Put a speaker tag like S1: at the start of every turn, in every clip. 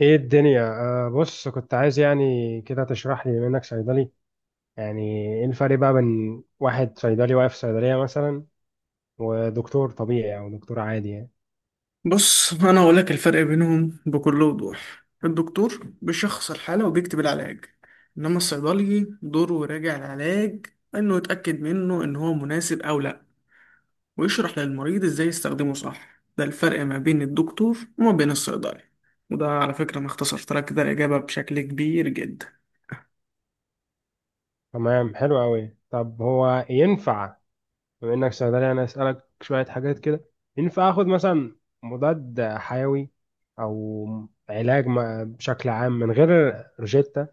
S1: ايه الدنيا آه بص كنت عايز يعني كده تشرح لي بما انك صيدلي. يعني ايه الفرق بقى بين واحد صيدلي واقف في صيدلية مثلا، ودكتور طبيعي او دكتور عادي يعني؟
S2: بص أنا أقول لك الفرق بينهم بكل وضوح. الدكتور بيشخص الحالة وبيكتب العلاج، إنما الصيدلي دوره يراجع العلاج، إنه يتأكد منه إن هو مناسب أو لأ، ويشرح للمريض إزاي يستخدمه صح. ده الفرق ما بين الدكتور وما بين الصيدلي، وده على فكرة أنا اختصرت لك كده الإجابة بشكل كبير جدا.
S1: تمام، حلو قوي. طب هو ينفع بما انك صيدلي انا اسالك شوية حاجات كده؟ ينفع اخد مثلا مضاد حيوي او علاج بشكل عام من غير روجيتا؟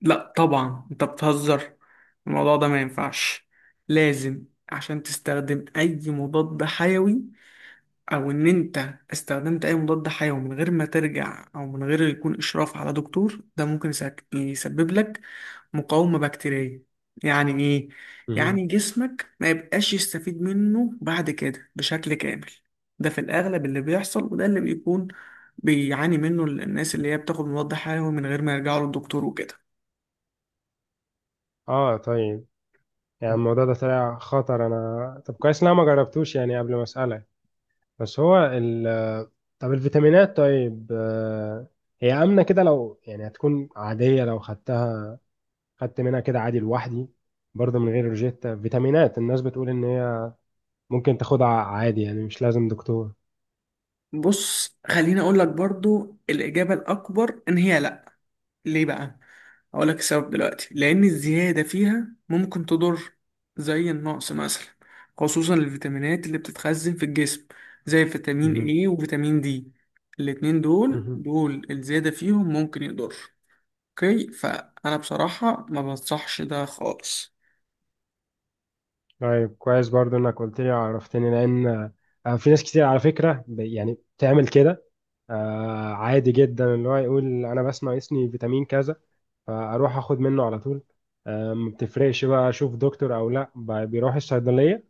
S2: لأ طبعا أنت بتهزر، الموضوع ده ما ينفعش. لازم عشان تستخدم أي مضاد حيوي، او ان انت استخدمت اي مضاد حيوي من غير ما ترجع او من غير يكون اشراف على دكتور، ده ممكن يسبب لك مقاومة بكتيرية. يعني ايه؟
S1: مهم.
S2: يعني جسمك ما يبقاش يستفيد منه بعد كده بشكل كامل. ده في الاغلب اللي بيحصل، وده اللي بيكون بيعاني منه الناس اللي هي بتاخد مضاد حيوي من غير ما يرجعوا للدكتور وكده.
S1: اه، طيب. يعني الموضوع ده طلع خطر، انا طب كويس إن انا ما جربتوش يعني قبل ما اسالك. بس هو ال طب الفيتامينات طيب. هي آمنة كده لو يعني هتكون عادية لو خدتها، خدت منها كده عادي لوحدي برضه من غير روجيتا. فيتامينات الناس بتقول إن هي ممكن تاخدها عادي يعني مش لازم دكتور.
S2: بص خليني اقول لك برضو الاجابه الاكبر ان هي لا. ليه بقى؟ هقول لك السبب دلوقتي، لأن الزيادة فيها ممكن تضر زي النقص مثلا، خصوصا الفيتامينات اللي بتتخزن في الجسم زي فيتامين
S1: مهم.
S2: A وفيتامين D. الاتنين دول
S1: مهم.
S2: دول الزيادة فيهم ممكن يضر. اوكي، فأنا بصراحة ما بنصحش ده خالص.
S1: طيب كويس برضه إنك قلت لي، عرفتني، لأن في ناس كتير على فكرة يعني بتعمل كده. عادي جدا اللي هو يقول أنا بس ناقصني فيتامين كذا فأروح أخد منه على طول. ما بتفرقش بقى أشوف دكتور أو لأ، بيروح الصيدلية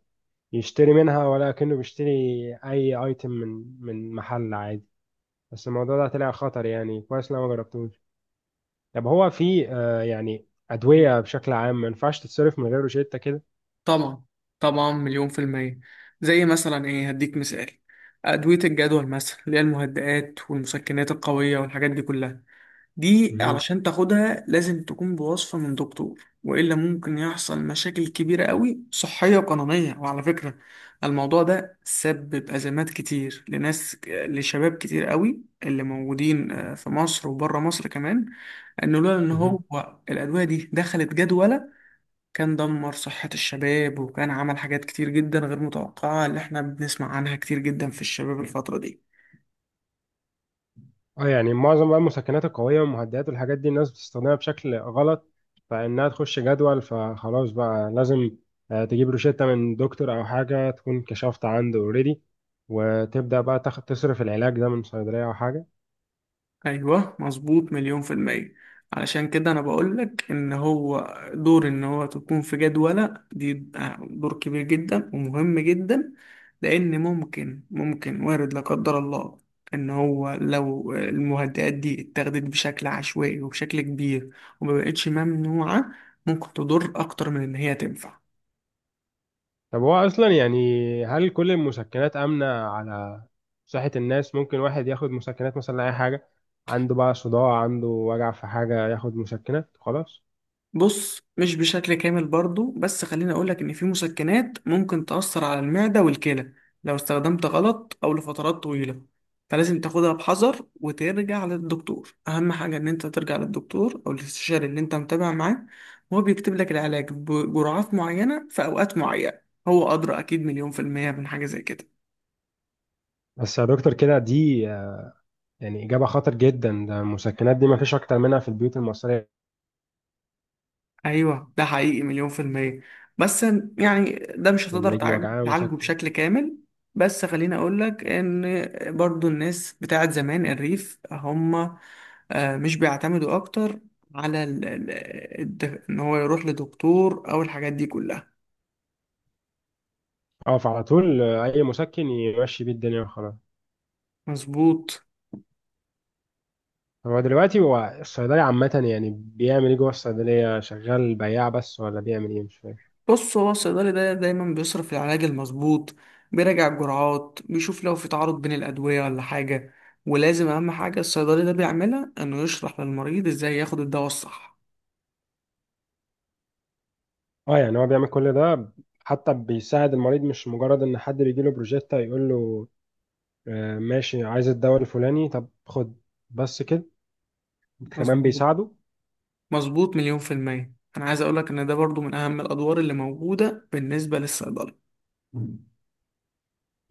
S1: يشتري منها ولا كأنه بيشتري أي أيتم من محل عادي. بس الموضوع ده طلع خطر، يعني كويس إن أنا ما جربتوش. طب هو في يعني أدوية بشكل عام ما ينفعش تتصرف من غير روشتة كده؟
S2: طبعا طبعا مليون في المية. زي مثلا ايه، هديك مثال، أدوية الجدول مثلا اللي هي المهدئات والمسكنات القوية والحاجات دي كلها. دي
S1: مهم.
S2: علشان تاخدها لازم تكون بوصفة من دكتور، وإلا ممكن يحصل مشاكل كبيرة قوي صحية وقانونية. وعلى فكرة الموضوع ده سبب أزمات كتير لناس، لشباب كتير قوي اللي موجودين، في مصر وبره مصر كمان. إنه لولا إن هو
S1: مهم.
S2: الأدوية دي دخلت جدولة، كان دمر صحة الشباب، وكان عمل حاجات كتير جدا غير متوقعة اللي احنا بنسمع عنها كتير جدا في الشباب الفترة دي.
S1: اه، يعني معظم بقى المسكنات القوية والمهدئات والحاجات دي الناس بتستخدمها بشكل غلط، فإنها تخش جدول فخلاص بقى لازم تجيب روشتة من دكتور أو حاجة تكون كشفت عنده اوريدي، وتبدأ بقى تاخد تصرف العلاج ده من صيدلية أو حاجة.
S2: ايوه مظبوط مليون في المية. علشان كده انا بقولك ان هو دور ان هو تكون في جدولة دي دور كبير جدا ومهم جدا. لان ممكن وارد لا قدر الله ان هو لو المهدئات دي اتاخدت بشكل عشوائي وبشكل كبير ومبقتش ممنوعة، ممكن تضر اكتر من ان هي تنفع.
S1: طب هو اصلا يعني هل كل المسكنات امنه على صحه الناس؟ ممكن واحد ياخد مسكنات مثلا لاي حاجه عنده، بقى صداع عنده وجع في حاجه ياخد مسكنات خلاص؟
S2: بص مش بشكل كامل برضو، بس خليني أقولك إن في مسكنات ممكن تأثر على المعدة والكلى لو استخدمت غلط أو لفترات طويلة. فلازم تاخدها بحذر وترجع للدكتور. أهم حاجة إن أنت ترجع للدكتور أو الاستشاري اللي أنت متابع معاه، وهو بيكتب لك العلاج بجرعات معينة في أوقات معينة. هو أدرى أكيد مليون في المية من حاجة زي كده.
S1: بس يا دكتور كده، دي يعني اجابه خطر جدا. ده المسكنات دي ما فيش اكتر منها في البيوت المصريه.
S2: ايوه ده حقيقي مليون في المية. بس يعني ده مش
S1: لكن
S2: هتقدر
S1: رجل وجعها
S2: تعالجه
S1: مسكن.
S2: بشكل كامل. بس خليني اقول لك ان برضو الناس بتاعت زمان، الريف هم، مش بيعتمدوا اكتر على ان هو يروح لدكتور او الحاجات دي كلها.
S1: اه، فعلى طول اي مسكن يمشي بيه الدنيا وخلاص.
S2: مظبوط.
S1: طب هو دلوقتي هو الصيدلي عامه يعني بيعمل ايه جوه الصيدليه؟ شغال بياع بس ولا بيعمل ايه؟ مش فاهم.
S2: بص هو الصيدلي ده دايما بيصرف العلاج المظبوط، بيراجع الجرعات، بيشوف لو في تعارض بين الأدوية ولا حاجة. ولازم، أهم حاجة الصيدلي ده بيعملها، إنه يشرح للمريض إزاي ياخد الدواء الصح.
S1: اه، يعني هو بيعمل كل ده، حتى بيساعد المريض، مش مجرد ان حد بيجي له بروجيكت يقول له ماشي، عايز الدواء الفلاني، طب خد، بس كده. كمان
S2: مظبوط.
S1: بيساعده.
S2: مظبوط مليون في المية. أنا عايز أقولك إن ده برضو من أهم الأدوار اللي موجودة بالنسبة للصيدلي.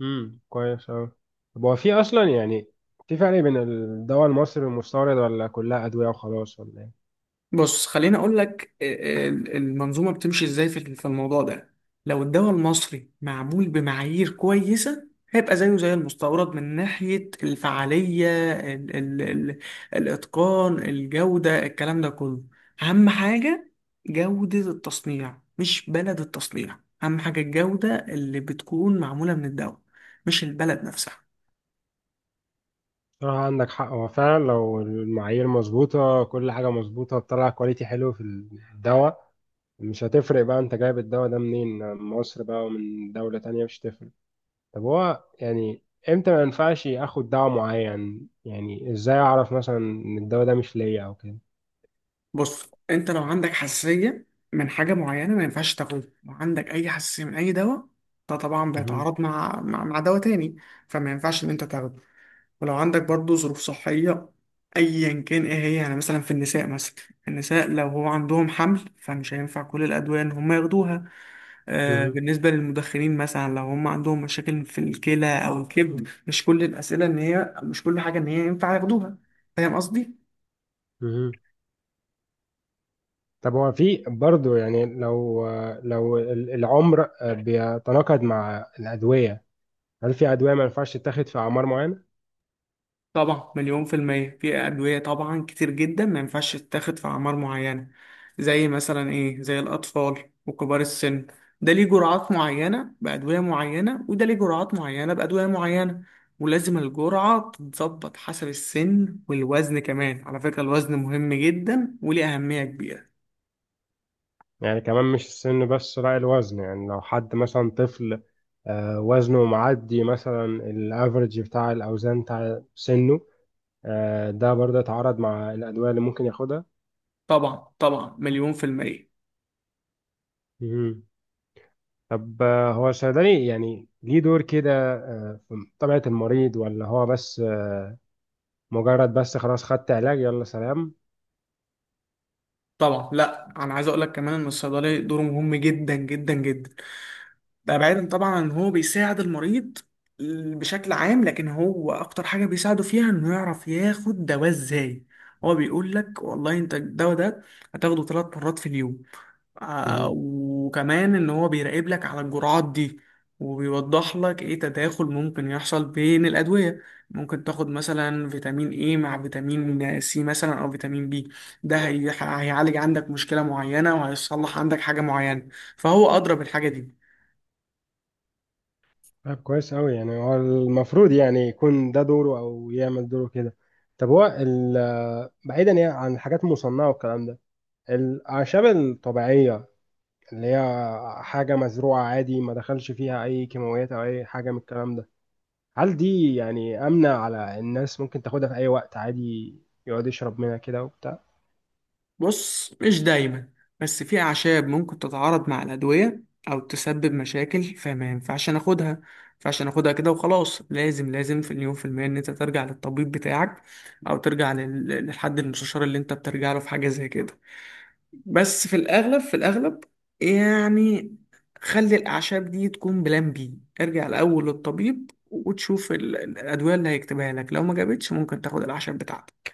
S1: كويس اوي. طب هو في اصلا يعني في فرق بين الدواء المصري والمستورد، ولا كلها ادويه وخلاص ولا ايه؟
S2: بص خليني اقول لك، المنظومه بتمشي ازاي في الموضوع ده. لو الدواء المصري معمول بمعايير كويسه، هيبقى زيه زي المستورد من ناحيه الفعاليه، ال ال ال الاتقان، الجوده، الكلام ده كله. اهم حاجه جوده التصنيع، مش بلد التصنيع. اهم حاجه الجوده اللي بتكون معموله من الدواء، مش البلد نفسها.
S1: صراحة عندك حق، هو فعلا لو المعايير مظبوطة كل حاجة مظبوطة، بتطلع كواليتي حلو في الدواء. مش هتفرق بقى انت جايب الدواء ده منين، من مصر بقى ومن دولة تانية، مش هتفرق. طب هو يعني امتى ما ينفعش اخد دواء معين؟ يعني ازاي اعرف مثلا ان الدواء ده مش ليا او كده؟
S2: بص انت لو عندك حساسيه من حاجه معينه ما ينفعش تاخدها. لو عندك اي حساسيه من اي دواء، ده طبعا
S1: مهم.
S2: بيتعارض مع مع دواء تاني، فما ينفعش ان انت تاخده. ولو عندك برضو ظروف صحيه ايا كان ايه هي، يعني مثلا في النساء مثلا، النساء لو هو عندهم حمل، فمش هينفع كل الادويه ان هم ياخدوها. آه
S1: مهم.
S2: بالنسبه للمدخنين مثلا، لو هم عندهم مشاكل في الكلى او الكبد، مش كل الاسئله ان هي، مش كل حاجه ان هي ينفع ياخدوها. فاهم قصدي؟
S1: مهم. طب هو في برضه يعني لو العمر بيتناقض مع الأدوية، هل في أدوية ما ينفعش تتاخد في أعمار معينة؟
S2: طبعا مليون في المية. في أدوية طبعا كتير جدا ما ينفعش تتاخد في أعمار معينة، زي مثلا إيه، زي الأطفال وكبار السن. ده ليه جرعات معينة بأدوية معينة، وده ليه جرعات معينة بأدوية معينة. ولازم الجرعة تتظبط حسب السن والوزن. كمان على فكرة الوزن مهم جدا وليه أهمية كبيرة.
S1: يعني كمان مش السن بس، لا الوزن. يعني لو حد مثلا طفل وزنه معدي مثلا الافرج بتاع الأوزان بتاع سنه، ده برضه اتعارض مع الأدوية اللي ممكن
S2: طبعا طبعا مليون في المية.
S1: ياخدها. طب هو الصيدلي يعني ليه دور كده في طبيعة المريض، ولا هو بس مجرد بس خلاص خدت علاج يلا سلام؟
S2: طبعا لا، أنا عايز أقولك كمان إن الصيدلي دوره مهم جدا جدا جدا. ده بعيدا طبعا عن ان هو بيساعد المريض بشكل عام، لكن هو اكتر حاجه بيساعده فيها انه يعرف ياخد دواء ازاي. هو بيقول لك والله انت الدواء ده هتاخده 3 مرات في اليوم.
S1: مهم.
S2: وكمان ان هو بيراقب لك على الجرعات دي، وبيوضح لك ايه تداخل ممكن يحصل بين الادويه. ممكن تاخد مثلا فيتامين ايه مع فيتامين سي مثلا او فيتامين بي، ده هيعالج عندك مشكله معينه وهيصلح عندك حاجه معينه، فهو ادرى بالحاجه دي.
S1: طب كويس أوي، يعني هو المفروض يعني يكون ده دوره أو يعمل دوره كده. طب هو بعيدا يعني عن الحاجات المصنعة والكلام ده، الأعشاب الطبيعية اللي هي حاجة مزروعة عادي ما دخلش فيها أي كيماويات أو أي حاجة من الكلام ده، هل دي يعني آمنة على الناس؟ ممكن تاخدها في أي وقت عادي، يقعد يشرب منها كده وبتاع؟
S2: بص مش دايما، بس في أعشاب ممكن تتعارض مع الأدوية أو تسبب مشاكل، فما ينفعش ناخدها، ما ينفعش ناخدها كده وخلاص. لازم لازم في اليوم في المية إن أنت ترجع للطبيب بتاعك، أو ترجع للحد المستشار اللي أنت بترجع له في حاجة زي كده. بس في الأغلب في الأغلب يعني، خلي الأعشاب دي تكون بلان بي. ارجع الأول للطبيب وتشوف الأدوية اللي هيكتبها لك، لو ما جابتش ممكن تاخد الأعشاب بتاعتك.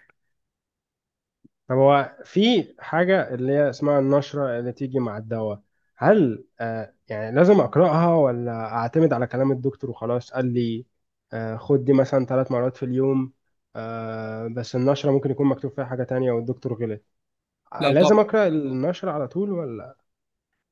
S1: طب هو في حاجة اللي هي اسمها النشرة اللي تيجي مع الدواء، هل يعني لازم أقرأها ولا أعتمد على كلام الدكتور وخلاص؟ قال لي خد دي مثلا 3 مرات في اليوم، بس النشرة ممكن يكون مكتوب فيها حاجة تانية والدكتور غلط.
S2: لا طبعا،
S1: لازم أقرأ النشرة على طول ولا؟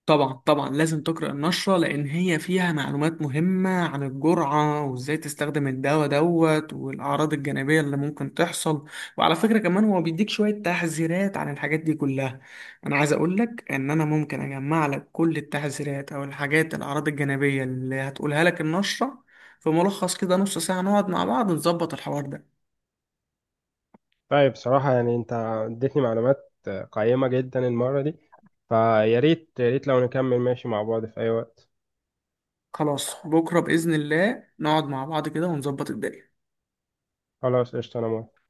S2: طبعا طبعا لازم تقرأ النشرة، لأن هي فيها معلومات مهمة عن الجرعة وإزاي تستخدم الدواء دوت، والأعراض الجانبية اللي ممكن تحصل. وعلى فكرة كمان هو بيديك شوية تحذيرات عن الحاجات دي كلها. أنا عايز أقولك إن أنا ممكن أجمع لك كل التحذيرات أو الحاجات، الأعراض الجانبية اللي هتقولها لك النشرة، في ملخص كده. نص ساعة نقعد مع بعض نظبط الحوار ده.
S1: طيب صراحة يعني أنت اديتني معلومات قيمة جدا المرة دي، فيا ريت، يا ريت لو نكمل ماشي مع بعض في أي وقت.
S2: خلاص بكرة بإذن الله نقعد مع بعض كده ونظبط الدنيا.
S1: خلاص، قشطة. أنا موافق.